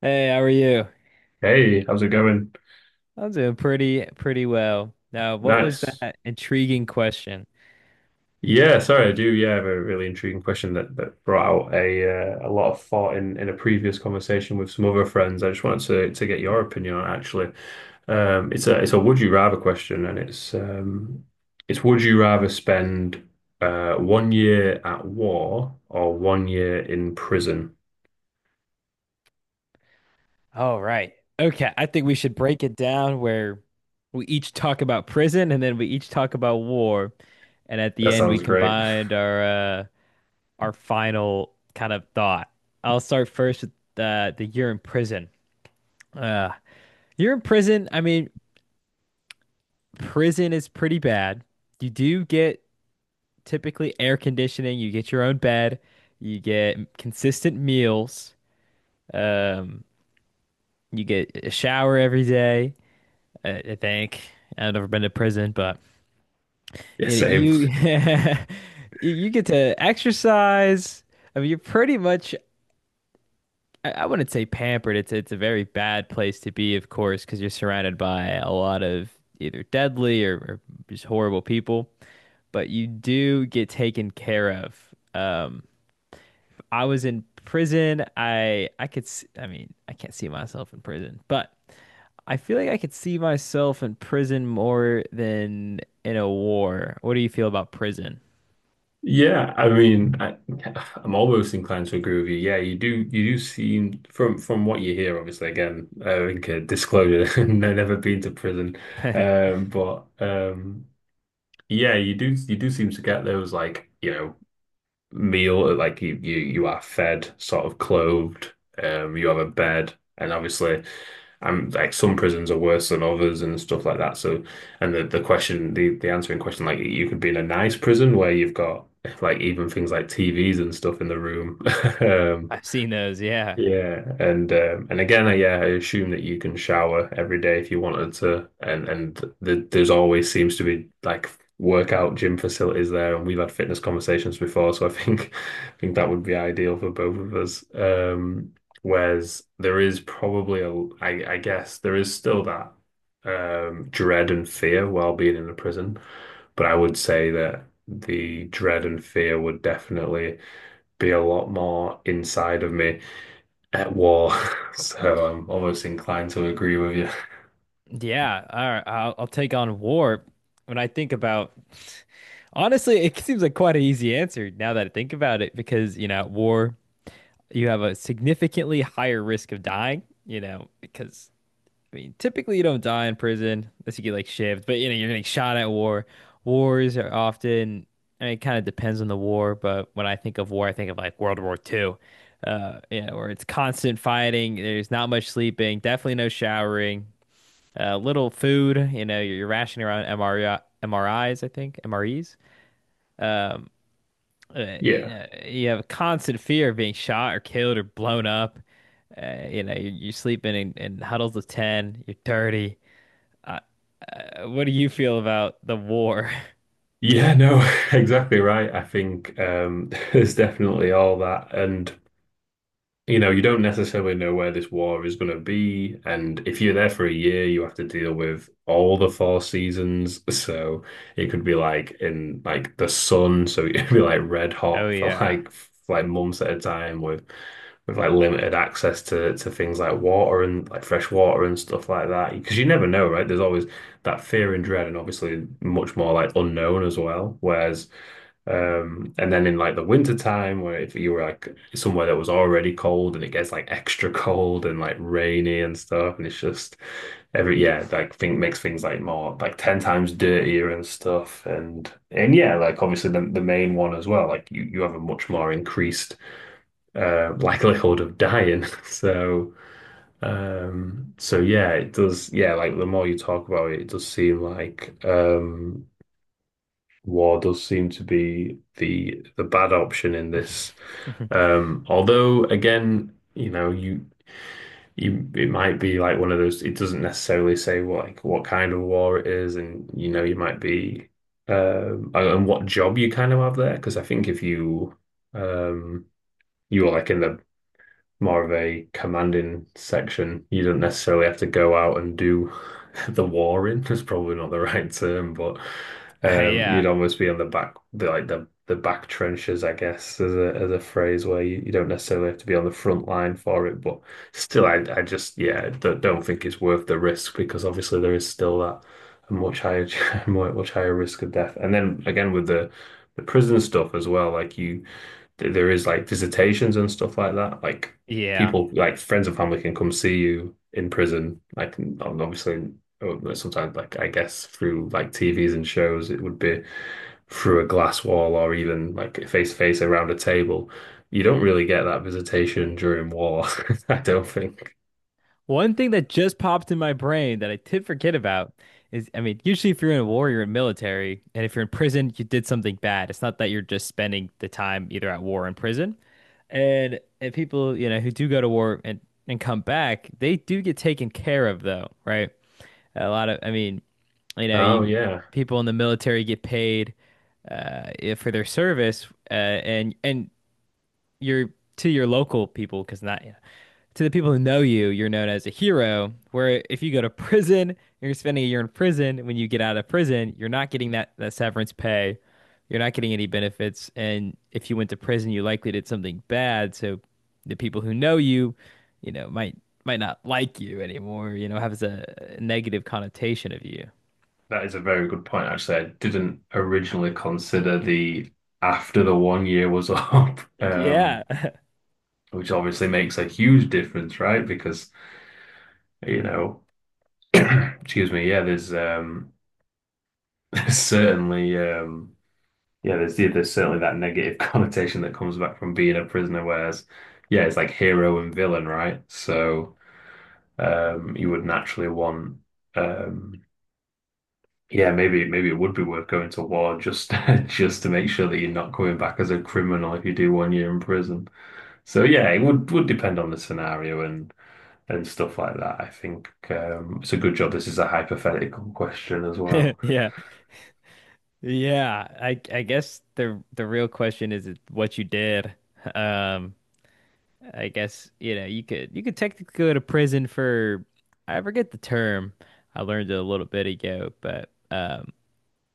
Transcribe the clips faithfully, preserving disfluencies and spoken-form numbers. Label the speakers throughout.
Speaker 1: Hey, how are you?
Speaker 2: Hey, how's it going?
Speaker 1: I'm doing pretty pretty well. Now, what was
Speaker 2: Nice.
Speaker 1: that intriguing question?
Speaker 2: Yeah, sorry, I do. Yeah, have a really intriguing question that that brought out a uh, a lot of thought in in a previous conversation with some other friends. I just wanted to to get your opinion on it, actually. Um, it's a it's a would you rather question, and it's um it's would you rather spend uh one year at war or one year in prison?
Speaker 1: All right. Okay, I think we should break it down where we each talk about prison and then we each talk about war, and at the
Speaker 2: That
Speaker 1: end we
Speaker 2: sounds great.
Speaker 1: combined our uh our final kind of thought. I'll start first with the the you're in prison. Uh, you're in prison. I mean, prison is pretty bad. You do get typically air conditioning. You get your own bed, you get consistent meals, um, you get a shower every day. I, I think I've never been to prison, but
Speaker 2: Yeah,
Speaker 1: you
Speaker 2: same.
Speaker 1: you, you get to exercise. I mean, you're pretty much. I I wouldn't say pampered. It's it's a very bad place to be, of course, because you're surrounded by a lot of either deadly or, or just horrible people. But you do get taken care of. Um, I was in prison. I I could s I I mean, I can't see myself in prison, but I feel like I could see myself in prison more than in a war. What do you feel about prison?
Speaker 2: Yeah, I mean, I, I'm almost inclined to agree with you. Yeah, you do. You do seem from from what you hear. Obviously, again, uh, I think, uh, disclosure. No, never been to prison, um, but um, yeah, you do. You do seem to get those, like, you know meal, like, you you you are fed, sort of clothed, um you have a bed, and obviously I'm like, some prisons are worse than others and stuff like that, so, and the the question, the the answering question, like you could be in a nice prison where you've got like even things like T Vs and stuff in the room. Um,
Speaker 1: I've seen those, yeah.
Speaker 2: yeah, and um, and again, uh, yeah, I assume that you can shower every day if you wanted to, and and th there's always seems to be like workout gym facilities there, and we've had fitness conversations before, so I think I think that would be ideal for both of us. Um, whereas there is probably a, I, I guess there is still that um, dread and fear while being in a prison, but I would say that the dread and fear would definitely be a lot more inside of me at war. So I'm almost inclined to agree with you.
Speaker 1: Yeah, all right, I'll, I'll take on war. When I think about, honestly, it seems like quite an easy answer now that I think about it, because, you know, at war, you have a significantly higher risk of dying, you know, because I mean, typically you don't die in prison unless you get like shivved, but you know, you're getting shot at war. Wars are often, I mean, it kind of depends on the war, but when I think of war, I think of like World War Two. Uh, yeah, where it's constant fighting, there's not much sleeping, definitely no showering, uh, little food, you know, you're, you're rationing around M R I, M R Is, I think, M R Es. Um, uh, you
Speaker 2: Yeah.
Speaker 1: know, you have a constant fear of being shot or killed or blown up. Uh, you know, you're, you're sleeping in, in huddles of ten, you're dirty. Uh, What do you feel about the war?
Speaker 2: Yeah, no, exactly right. I think, um, there's definitely all that. And you know, you don't necessarily know where this war is going to be. And if you're there for a year, you have to deal with all the four seasons. So it could be like in like the sun. So it could be like red
Speaker 1: Oh
Speaker 2: hot for
Speaker 1: yeah.
Speaker 2: like f- like months at a time with with like limited access to to things like water and like fresh water and stuff like that. Because you never know, right? There's always that fear and dread, and obviously much more like unknown as well. Whereas, um, and then in like the winter time, where if you were like somewhere that was already cold and it gets like extra cold and like rainy and stuff, and it's just every, yeah, like thing makes things like more like ten times dirtier and stuff. And and yeah, like obviously the the main one as well, like you, you have a much more increased uh likelihood of dying. So um so yeah, it does, yeah, like the more you talk about it, it does seem like, um war does seem to be the the bad option in this.
Speaker 1: Uh,
Speaker 2: Um, although again, you know, you you it might be like one of those. It doesn't necessarily say what, like, what kind of war it is, and you know, you might be, um and and what job you kind of have there. Because I think if you um you were like in the more of a commanding section. You don't necessarily have to go out and do the warring, in, probably not the right term, but um,
Speaker 1: yeah.
Speaker 2: you'd almost be on the back, the, like the the back trenches, I guess, as a as a phrase where you, you don't necessarily have to be on the front line for it. But still, I I just, yeah, don't, don't think it's worth the risk because obviously there is still that much higher much higher risk of death. And then again with the the prison stuff as well, like you, there is like visitations and stuff like that. Like
Speaker 1: Yeah.
Speaker 2: people like friends and family can come see you in prison. Like, and obviously, oh, sometimes like I guess through like T Vs and shows, it would be through a glass wall or even like face to face around a table. You don't really get that visitation during war, I don't think.
Speaker 1: One thing that just popped in my brain that I did forget about is, I mean, usually if you're in a war, you're in military, and if you're in prison, you did something bad. It's not that you're just spending the time either at war or in prison. And, and people, you know, who do go to war and, and come back, they do get taken care of though, right? A lot of, I mean, you know,
Speaker 2: Oh
Speaker 1: you
Speaker 2: yeah,
Speaker 1: people in the military get paid uh, if- for their service, uh, and and you're to your local people because not you know, to the people who know you, you're known as a hero. Where if you go to prison, you're spending a year in prison. When you get out of prison, you're not getting that that severance pay. You're not getting any benefits. And if you went to prison, you likely did something bad. So the people who know you, you know, might might not like you anymore. You know, has a negative connotation of you.
Speaker 2: that is a very good point. Actually, I didn't originally consider the, after the one year was up,
Speaker 1: Yeah.
Speaker 2: um, which obviously makes a huge difference, right? Because you know. Excuse me. Yeah, there's, um, certainly, um, yeah, there's, yeah, there's certainly that negative connotation that comes back from being a prisoner. Whereas, yeah, it's like hero and villain, right? So, um, you would naturally want, um, yeah, maybe maybe it would be worth going to war just just to make sure that you're not coming back as a criminal if you do one year in prison. So yeah, it would would depend on the scenario and and stuff like that. I think, um, it's a good job. This is a hypothetical question as well.
Speaker 1: Yeah. Yeah, I I guess the the real question is what you did. Um, I guess you know you could you could technically go to prison for I forget the term. I learned it a little bit ago, but um,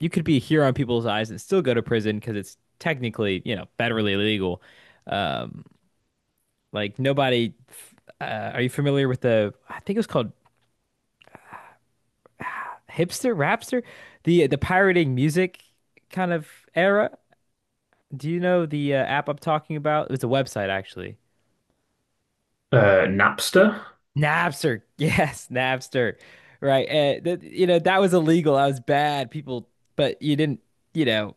Speaker 1: you could be here on people's eyes and still go to prison because it's technically you know federally illegal. Um, like nobody. f- Uh, are you familiar with the? I think it was called hipster, rapster, the the pirating music kind of era. Do you know the uh, app I'm talking about? It's a website actually.
Speaker 2: Uh, Napster.
Speaker 1: Napster. Yes, Napster. Right. And th you know, that was illegal. That was bad. People, but you didn't, you know,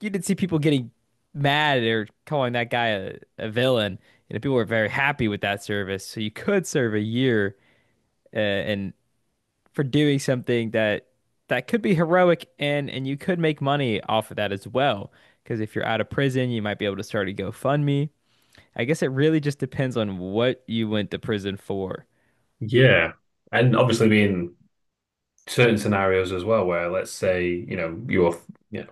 Speaker 1: you didn't see people getting mad or calling that guy a, a villain. You know, people were very happy with that service. So you could serve a year uh, and for doing something that that could be heroic and and you could make money off of that as well. Because if you're out of prison, you might be able to start a GoFundMe. I guess it really just depends on what you went to prison for.
Speaker 2: Yeah. And obviously being certain scenarios as well, where let's say, you know, you're, yeah,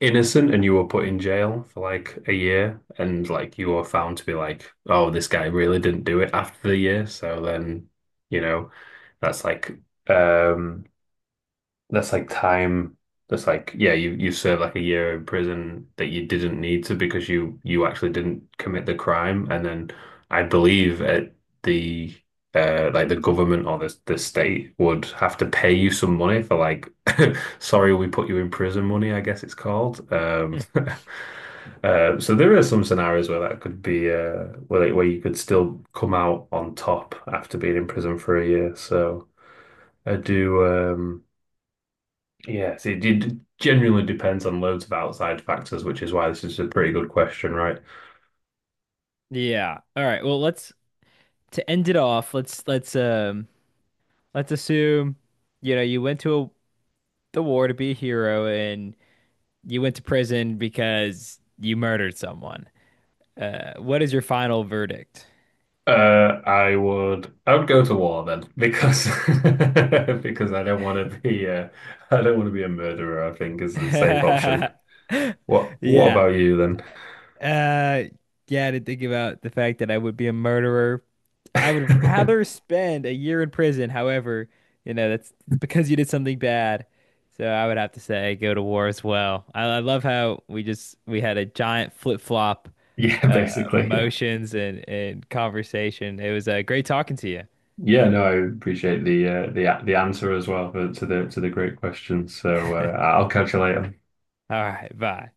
Speaker 2: innocent, and you were put in jail for like a year, and like you were found to be like, oh, this guy really didn't do it after the year. So then, you know, that's like um that's like time. That's like, yeah, you you serve like a year in prison that you didn't need to because you you actually didn't commit the crime. And then I believe at the, uh like the government or the the state would have to pay you some money for, like, sorry we put you in prison money, I guess it's called. Um uh so there are some scenarios where that could be, uh where, like, where you could still come out on top after being in prison for a year. So I do, um yes, it, it genuinely depends on loads of outside factors, which is why this is a pretty good question, right?
Speaker 1: Yeah. All right. Well, let's to end it off. Let's let's um let's assume you know you went to a, the war to be a hero and you went to prison because you murdered someone. Uh, what is your final verdict?
Speaker 2: Uh, I would I would go to war then because because I don't want to be uh, I don't want to be a murderer, I think, is the safe option. What what
Speaker 1: Yeah.
Speaker 2: about you
Speaker 1: Uh, yeah, I didn't think about the fact that I would be a murderer. I would
Speaker 2: then?
Speaker 1: rather spend a year in prison. However, you know, that's it's because you did something bad. So I would have to say go to war as well. I, I love how we just we had a giant flip-flop
Speaker 2: Yeah,
Speaker 1: uh, of
Speaker 2: basically. Yeah.
Speaker 1: emotions and, and conversation. It was uh, great talking to you.
Speaker 2: Yeah, no, I appreciate the uh, the the answer as well, for, to the to the great question. So uh, I'll catch you later.
Speaker 1: All right, bye.